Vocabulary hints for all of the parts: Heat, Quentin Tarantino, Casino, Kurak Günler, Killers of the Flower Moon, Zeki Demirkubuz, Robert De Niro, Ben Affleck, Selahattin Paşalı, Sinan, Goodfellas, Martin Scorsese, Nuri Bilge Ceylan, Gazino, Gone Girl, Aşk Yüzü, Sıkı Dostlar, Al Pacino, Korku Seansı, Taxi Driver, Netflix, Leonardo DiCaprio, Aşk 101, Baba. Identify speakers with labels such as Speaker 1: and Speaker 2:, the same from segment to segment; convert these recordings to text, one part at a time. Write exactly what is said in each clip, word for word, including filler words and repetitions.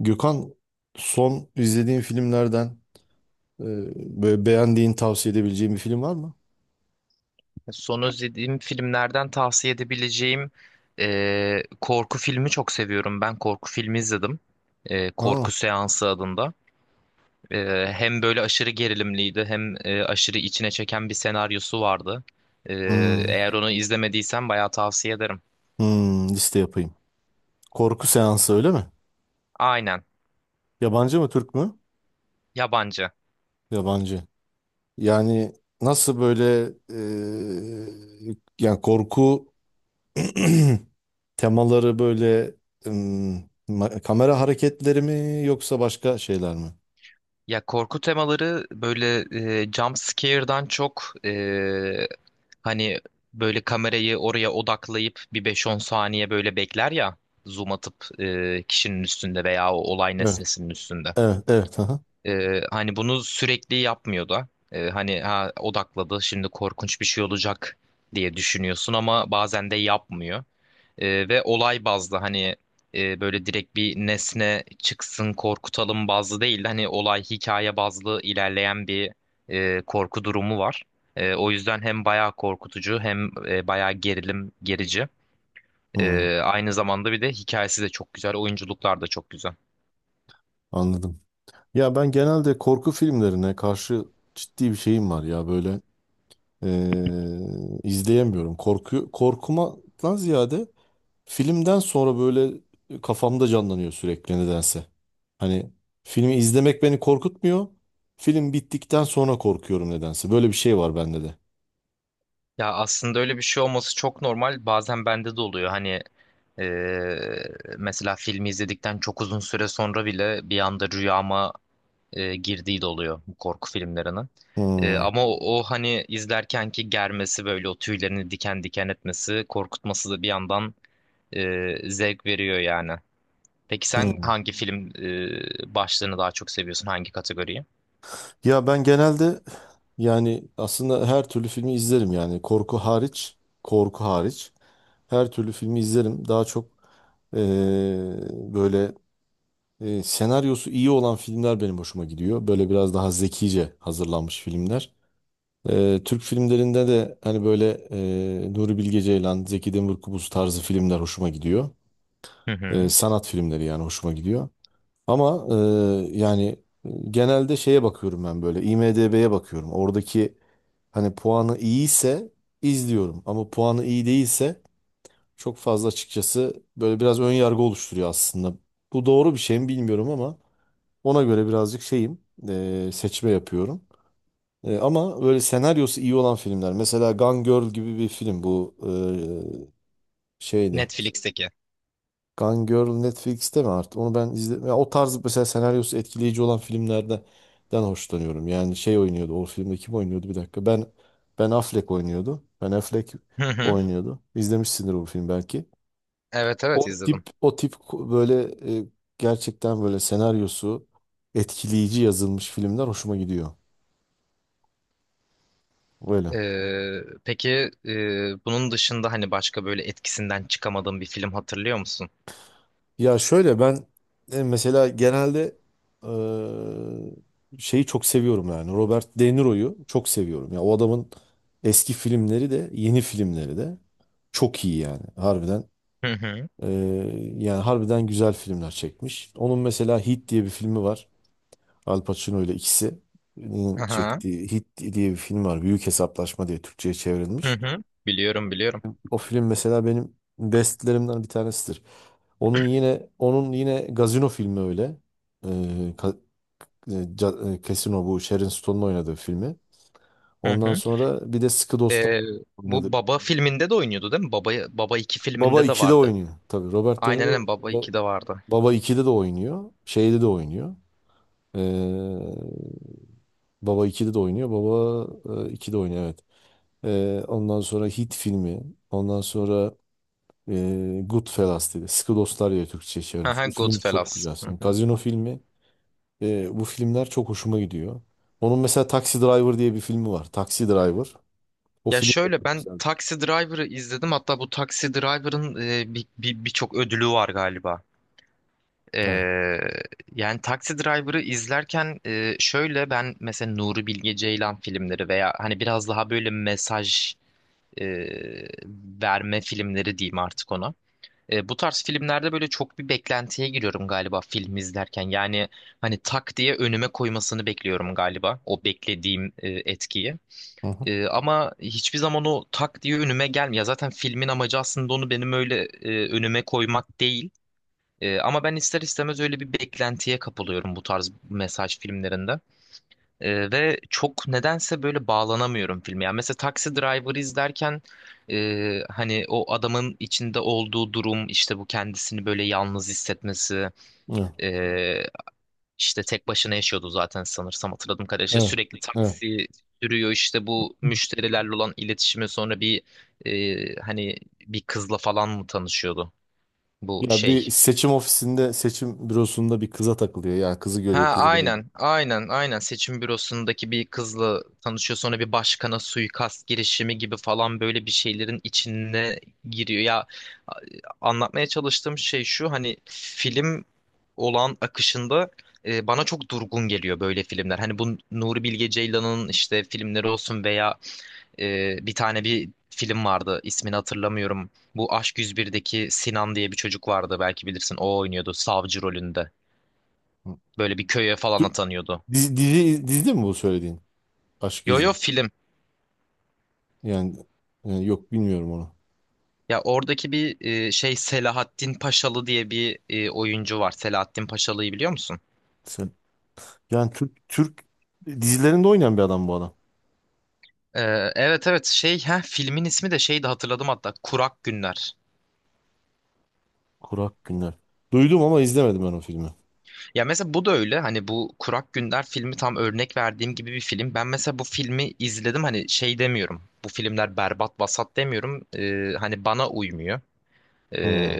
Speaker 1: Gökhan, son izlediğin filmlerden e, böyle beğendiğin tavsiye edebileceğin bir film var mı?
Speaker 2: Son izlediğim filmlerden tavsiye edebileceğim e, korku filmi çok seviyorum. Ben korku filmi izledim. E, Korku
Speaker 1: Ha.
Speaker 2: Seansı adında. E, Hem böyle aşırı gerilimliydi hem e, aşırı içine çeken bir senaryosu vardı. E,
Speaker 1: Hmm.
Speaker 2: Eğer onu izlemediysen bayağı tavsiye ederim.
Speaker 1: hmm, liste yapayım. Korku seansı öyle mi?
Speaker 2: Aynen.
Speaker 1: Yabancı mı Türk mü?
Speaker 2: Yabancı.
Speaker 1: Yabancı. Yani nasıl böyle, e, yani korku temaları böyle, hmm, ma- kamera hareketleri mi yoksa başka şeyler mi?
Speaker 2: Ya korku temaları böyle e, jump scare'dan çok e, hani böyle kamerayı oraya odaklayıp bir beş-on saniye böyle bekler ya, zoom atıp e, kişinin üstünde veya o olay
Speaker 1: Evet.
Speaker 2: nesnesinin üstünde.
Speaker 1: Evet, evet. Aha.
Speaker 2: E, hani bunu sürekli yapmıyor da. E, hani ha, odakladı, şimdi korkunç bir şey olacak diye düşünüyorsun, ama bazen de yapmıyor. Ee, ve olay bazlı, hani e, böyle direkt bir nesne çıksın korkutalım bazlı değil, hani olay, hikaye bazlı ilerleyen bir e, korku durumu var. E, o yüzden hem bayağı korkutucu hem e, bayağı gerilim gerici. E,
Speaker 1: Hmm,
Speaker 2: aynı zamanda bir de hikayesi de çok güzel, oyunculuklar da çok güzel.
Speaker 1: anladım. Ya ben genelde korku filmlerine karşı ciddi bir şeyim var ya böyle, eee, izleyemiyorum. Korku korkumadan ziyade filmden sonra böyle kafamda canlanıyor sürekli nedense. Hani filmi izlemek beni korkutmuyor. Film bittikten sonra korkuyorum nedense. Böyle bir şey var bende de.
Speaker 2: Ya aslında öyle bir şey olması çok normal. Bazen bende de oluyor. Hani e, mesela filmi izledikten çok uzun süre sonra bile bir anda rüyama e, girdiği de oluyor bu korku filmlerinin. E,
Speaker 1: Hmm.
Speaker 2: ama o, o hani izlerkenki germesi, böyle o tüylerini diken diken etmesi, korkutması da bir yandan e, zevk veriyor yani. Peki sen
Speaker 1: hmm.
Speaker 2: hangi film e, başlığını daha çok seviyorsun? Hangi kategoriyi?
Speaker 1: Ya ben genelde, yani aslında her türlü filmi izlerim yani, korku hariç, korku hariç her türlü filmi izlerim. Daha çok eee, böyle, eee, senaryosu iyi olan filmler benim hoşuma gidiyor. Böyle biraz daha zekice hazırlanmış filmler. Eee, Türk filmlerinde de hani böyle eee Nuri Bilge Ceylan, Zeki Demirkubuz tarzı filmler hoşuma gidiyor.
Speaker 2: Hı
Speaker 1: Eee,
Speaker 2: hı.
Speaker 1: sanat filmleri yani hoşuma gidiyor. Ama e, yani genelde şeye bakıyorum, ben böyle IMDb'ye bakıyorum. Oradaki hani puanı iyiyse izliyorum, ama puanı iyi değilse çok fazla açıkçası böyle biraz ön yargı oluşturuyor aslında. Bu doğru bir şey mi bilmiyorum, ama ona göre birazcık şeyim, e, seçme yapıyorum. E, ama böyle senaryosu iyi olan filmler, mesela Gone Girl gibi bir film bu e, şeyde.
Speaker 2: Netflix'teki.
Speaker 1: Gone Girl Netflix'te mi artık? Onu ben izledim. O tarz mesela senaryosu etkileyici olan filmlerden den hoşlanıyorum. Yani şey oynuyordu. O filmde kim oynuyordu? Bir dakika. Ben Ben Affleck oynuyordu. Ben Affleck
Speaker 2: Hı hı.
Speaker 1: oynuyordu. İzlemişsindir bu film belki.
Speaker 2: Evet, evet
Speaker 1: O
Speaker 2: izledim.
Speaker 1: tip o tip, ko- böyle, e, gerçekten böyle senaryosu etkileyici yazılmış filmler hoşuma gidiyor. Böyle.
Speaker 2: E, peki e, bunun dışında hani başka böyle etkisinden çıkamadığın bir film hatırlıyor musun?
Speaker 1: Ya şöyle ben, e, mesela genelde, e, şeyi çok seviyorum, yani Robert De Niro'yu çok seviyorum. Ya o adamın eski filmleri de yeni filmleri de çok iyi yani harbiden.
Speaker 2: Hı hı.
Speaker 1: e, yani harbiden güzel filmler çekmiş. Onun mesela Hit diye bir filmi var. Al Pacino ile ikisinin
Speaker 2: Aha.
Speaker 1: çektiği Hit diye bir film var. Büyük Hesaplaşma diye Türkçe'ye
Speaker 2: Hı
Speaker 1: çevrilmiş.
Speaker 2: hı. Biliyorum, biliyorum.
Speaker 1: O film mesela benim bestlerimden bir tanesidir. Onun yine onun yine Gazino filmi öyle. Ee, ka- e, ca- e, Casino, bu Sharon Stone'un oynadığı filmi.
Speaker 2: Hı
Speaker 1: Ondan
Speaker 2: hı.
Speaker 1: sonra bir de Sıkı Dostlar
Speaker 2: Ee,
Speaker 1: oynadı.
Speaker 2: Bu Baba filminde de oynuyordu değil mi? Baba, Baba iki
Speaker 1: Baba
Speaker 2: filminde de
Speaker 1: ikide
Speaker 2: vardı.
Speaker 1: oynuyor. Tabii Robert De
Speaker 2: Aynen,
Speaker 1: Niro
Speaker 2: aynen Baba
Speaker 1: ba-
Speaker 2: ikide vardı.
Speaker 1: Baba ikide de oynuyor. Şeyde de oynuyor. Ee, Baba ikide de oynuyor. Baba e, ikide oynuyor evet. Ee, ondan sonra Hit filmi. Ondan sonra E, Goodfellas dedi. Sıkı Dostlar diye Türkçe çevirmiş.
Speaker 2: Aha,
Speaker 1: Bu film çok
Speaker 2: Goodfellas.
Speaker 1: güzel.
Speaker 2: Hı
Speaker 1: Sen
Speaker 2: hı.
Speaker 1: Gazino filmi. e, bu filmler çok hoşuma gidiyor. Onun mesela Taxi Driver diye bir filmi var. Taxi Driver. O
Speaker 2: Ya
Speaker 1: film de
Speaker 2: şöyle
Speaker 1: çok
Speaker 2: ben
Speaker 1: güzel.
Speaker 2: Taxi Driver'ı izledim. Hatta bu Taxi Driver'ın e, bir, bir, birçok ödülü var galiba.
Speaker 1: Evet.
Speaker 2: Ee, Yani Taxi Driver'ı izlerken e, şöyle ben mesela Nuri Bilge Ceylan filmleri veya hani biraz daha böyle mesaj e, verme filmleri diyeyim artık ona. E, bu tarz filmlerde böyle çok bir beklentiye giriyorum galiba film izlerken. Yani hani tak diye önüme koymasını bekliyorum galiba. O beklediğim e, etkiyi.
Speaker 1: Hı.
Speaker 2: E, ama hiçbir zaman o tak diye önüme gelmiyor. Ya zaten filmin amacı aslında onu benim öyle e, önüme koymak değil. E, ama ben ister istemez öyle bir beklentiye kapılıyorum bu tarz mesaj filmlerinde. Ee, ve çok nedense böyle bağlanamıyorum filme. Yani mesela Taxi Driver izlerken e, hani o adamın içinde olduğu durum, işte bu kendisini böyle yalnız hissetmesi,
Speaker 1: Evet.
Speaker 2: e, işte tek başına yaşıyordu zaten sanırsam, hatırladım kadarıyla. İşte
Speaker 1: Evet.
Speaker 2: sürekli
Speaker 1: Evet.
Speaker 2: taksi sürüyor, işte bu müşterilerle olan iletişimi, sonra bir e, hani bir kızla falan mı tanışıyordu bu
Speaker 1: Ya
Speaker 2: şey.
Speaker 1: bir seçim ofisinde, seçim bürosunda bir kıza takılıyor. Ya kızı
Speaker 2: Ha,
Speaker 1: görüyor, kızı beğeniyor.
Speaker 2: aynen, aynen, aynen, seçim bürosundaki bir kızla tanışıyor, sonra bir başkana suikast girişimi gibi falan, böyle bir şeylerin içine giriyor. Ya a- Anlatmaya çalıştığım şey şu, hani film olan akışında e, bana çok durgun geliyor böyle filmler. Hani bu Nuri Bilge Ceylan'ın işte filmleri olsun veya e, bir tane bir film vardı, ismini hatırlamıyorum. Bu Aşk yüz birdeki Sinan diye bir çocuk vardı, belki bilirsin, o oynuyordu savcı rolünde.
Speaker 1: Hı.
Speaker 2: Böyle bir köye falan
Speaker 1: Tü-
Speaker 2: atanıyordu.
Speaker 1: Dizi, dizi, dizi mi bu söylediğin? Aşk
Speaker 2: Yo yo,
Speaker 1: Yüzü.
Speaker 2: film.
Speaker 1: Yani, e, yok bilmiyorum onu.
Speaker 2: Ya oradaki bir e, şey, Selahattin Paşalı diye bir e, oyuncu var. Selahattin Paşalı'yı biliyor musun?
Speaker 1: Sen, yani Türk Türk dizilerinde oynayan bir adam bu adam.
Speaker 2: Ee, evet, evet şey, ha, filmin ismi de şeydi, hatırladım hatta, Kurak Günler.
Speaker 1: Kurak Günler. Duydum ama izlemedim ben o filmi.
Speaker 2: Ya mesela bu da öyle, hani bu Kurak Günler filmi tam örnek verdiğim gibi bir film. Ben mesela bu filmi izledim, hani şey demiyorum. Bu filmler berbat, vasat demiyorum. Ee, hani bana uymuyor. Ee,
Speaker 1: Hmm.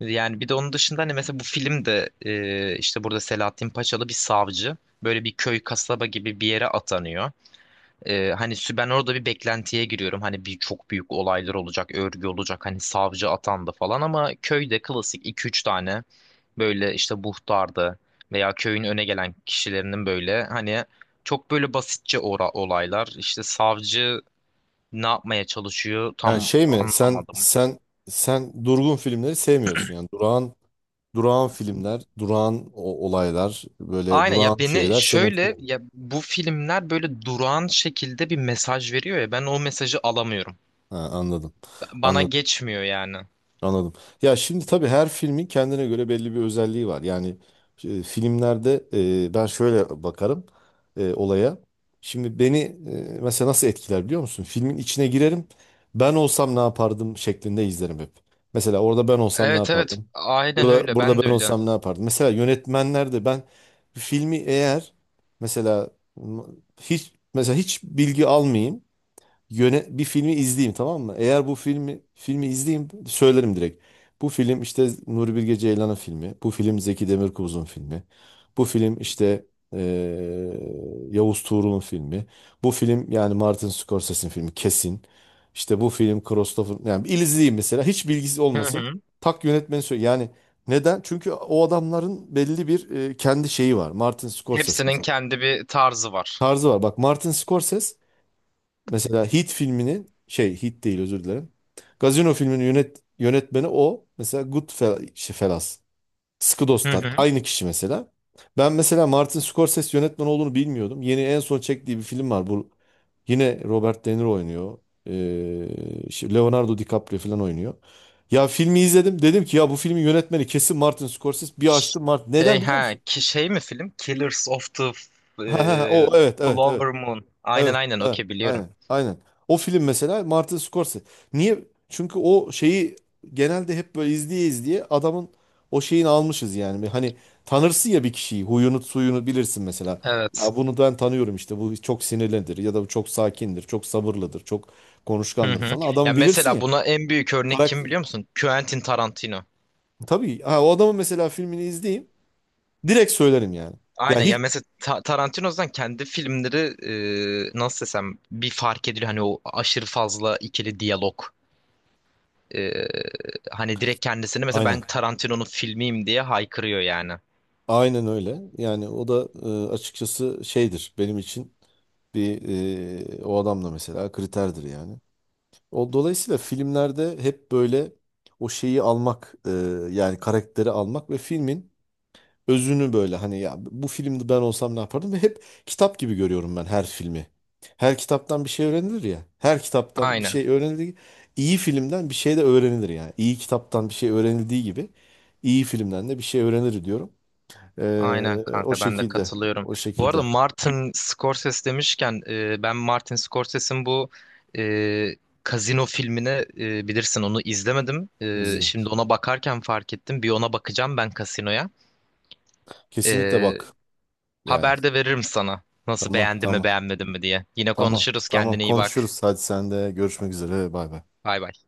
Speaker 2: Yani bir de onun dışında hani mesela bu filmde e, işte burada Selahattin Paçalı bir savcı. Böyle bir köy, kasaba gibi bir yere atanıyor. Ee, hani sü- ben orada bir beklentiye giriyorum. Hani bir çok büyük olaylar olacak, örgü olacak. Hani savcı atandı falan, ama köyde klasik iki üç tane böyle işte muhtardı veya köyün öne gelen kişilerinin böyle, hani çok böyle basitçe ora olaylar. İşte savcı ne yapmaya çalışıyor
Speaker 1: Yani
Speaker 2: tam
Speaker 1: şey mi, sen
Speaker 2: anlamadım.
Speaker 1: sen sen durgun filmleri sevmiyorsun, yani durağan, durağan filmler, durağan o- olaylar, böyle
Speaker 2: Aynen
Speaker 1: durağan
Speaker 2: ya, beni
Speaker 1: şeyler seni
Speaker 2: şöyle,
Speaker 1: etkilemiyor.
Speaker 2: ya bu filmler böyle durağan şekilde bir mesaj veriyor, ya ben o mesajı alamıyorum.
Speaker 1: Ha, anladım.
Speaker 2: Bana
Speaker 1: Anladım.
Speaker 2: geçmiyor yani.
Speaker 1: Anladım. Ya şimdi tabii her filmin kendine göre belli bir özelliği var. Yani, e, filmlerde, e, ben şöyle bakarım e, olaya. Şimdi beni, e, mesela nasıl etkiler biliyor musun? Filmin içine girerim. Ben olsam ne yapardım şeklinde izlerim hep. Mesela orada ben olsam ne
Speaker 2: Evet, evet,
Speaker 1: yapardım?
Speaker 2: aynen
Speaker 1: Burada
Speaker 2: öyle,
Speaker 1: burada
Speaker 2: ben de
Speaker 1: ben
Speaker 2: öyle.
Speaker 1: olsam ne yapardım? Mesela yönetmenler de, ben filmi eğer mesela, m- hiç mesela hiç bilgi almayayım, yöne bir filmi izleyeyim tamam mı? Eğer bu filmi, filmi izleyeyim söylerim direkt. Bu film işte Nuri Bilge Ceylan'ın filmi. Bu film Zeki Demirkubuz'un filmi. Bu film işte eee, Yavuz Tuğrul'un filmi. Bu film yani Martin Scorsese'nin filmi kesin. İşte bu film Christopher, yani bir izleyeyim mesela hiç bilgisi
Speaker 2: Hı
Speaker 1: olmasın.
Speaker 2: hı.
Speaker 1: Tak yönetmeni söyle. Yani neden? Çünkü o adamların belli bir e, kendi şeyi var. Martin Scorsese
Speaker 2: Hepsinin
Speaker 1: mesela.
Speaker 2: kendi bir tarzı var.
Speaker 1: Tarzı var. Bak Martin Scorsese, mesela Heat filminin şey, Heat değil, özür dilerim. Gazino filminin yönet, yönetmeni o. Mesela Goodfellas. Sıkı
Speaker 2: Hı
Speaker 1: Dostlar.
Speaker 2: hı.
Speaker 1: Aynı kişi mesela. Ben mesela Martin Scorsese yönetmen olduğunu bilmiyordum. Yeni en son çektiği bir film var. Bu, yine Robert De Niro oynuyor. Ee, şey, Leonardo DiCaprio falan oynuyor. Ya filmi izledim. Dedim ki ya bu filmin yönetmeni kesin Martin Scorsese. Bir açtım Martin.
Speaker 2: Şey,
Speaker 1: Neden biliyor
Speaker 2: ha
Speaker 1: musun?
Speaker 2: ki şey mi film? Killers of the
Speaker 1: Ha, ha, ha,
Speaker 2: e,
Speaker 1: o evet, evet, evet.
Speaker 2: Flower Moon. Aynen,
Speaker 1: Evet,
Speaker 2: aynen,
Speaker 1: evet,
Speaker 2: okey, biliyorum.
Speaker 1: aynen, aynen. O film mesela Martin Scorsese. Niye? Çünkü o şeyi genelde hep böyle izleye izleye adamın o şeyini almışız yani. Bir. Hani tanırsın ya bir kişiyi, huyunu suyunu bilirsin mesela.
Speaker 2: Evet.
Speaker 1: Ya bunu ben tanıyorum işte, bu çok sinirlidir ya da bu çok sakindir, çok sabırlıdır, çok
Speaker 2: Hı
Speaker 1: konuşkandır
Speaker 2: hı.
Speaker 1: falan.
Speaker 2: Ya
Speaker 1: Adamı bilirsin
Speaker 2: mesela
Speaker 1: ya.
Speaker 2: buna en büyük örnek kim
Speaker 1: Karakter.
Speaker 2: biliyor musun? Quentin Tarantino.
Speaker 1: Tabii ha, o adamın mesela filmini izleyeyim direkt söylerim yani. Ya
Speaker 2: Aynen ya,
Speaker 1: hiç
Speaker 2: mesela Ta- Tarantino'dan kendi filmleri e, nasıl desem, bir fark ediliyor, hani o aşırı fazla ikili diyalog. E, Hani direkt kendisini, mesela
Speaker 1: aynen.
Speaker 2: ben Tarantino'nun filmiyim diye haykırıyor yani.
Speaker 1: Aynen öyle. Yani o da e, açıkçası şeydir benim için, bir, e, o adam da mesela kriterdir yani. O dolayısıyla filmlerde hep böyle o şeyi almak, e, yani karakteri almak ve filmin özünü böyle, hani ya bu filmde ben olsam ne yapardım, ve hep kitap gibi görüyorum ben her filmi. Her kitaptan bir şey öğrenilir ya. Her kitaptan bir
Speaker 2: Aynen.
Speaker 1: şey öğrenilir. İyi filmden bir şey de öğrenilir yani. İyi kitaptan bir şey öğrenildiği gibi iyi filmden de bir şey öğrenir diyorum.
Speaker 2: Aynen
Speaker 1: Ee, o
Speaker 2: kanka, ben de
Speaker 1: şekilde.
Speaker 2: katılıyorum.
Speaker 1: O
Speaker 2: Bu arada
Speaker 1: şekilde.
Speaker 2: Martin Scorsese demişken, e, ben Martin Scorsese'in bu e, Casino filmini e, bilirsin, onu izlemedim. E,
Speaker 1: İzin.
Speaker 2: şimdi ona bakarken fark ettim. Bir ona bakacağım ben, Casino'ya.
Speaker 1: Kesinlikle bak. Yani.
Speaker 2: Haber de veririm sana. Nasıl,
Speaker 1: Tamam,
Speaker 2: beğendi mi
Speaker 1: tamam.
Speaker 2: beğenmedi mi diye. Yine
Speaker 1: Tamam,
Speaker 2: konuşuruz,
Speaker 1: tamam.
Speaker 2: kendine iyi bak.
Speaker 1: Konuşuruz. Hadi sen de görüşmek üzere. Bay bay.
Speaker 2: Bay bay.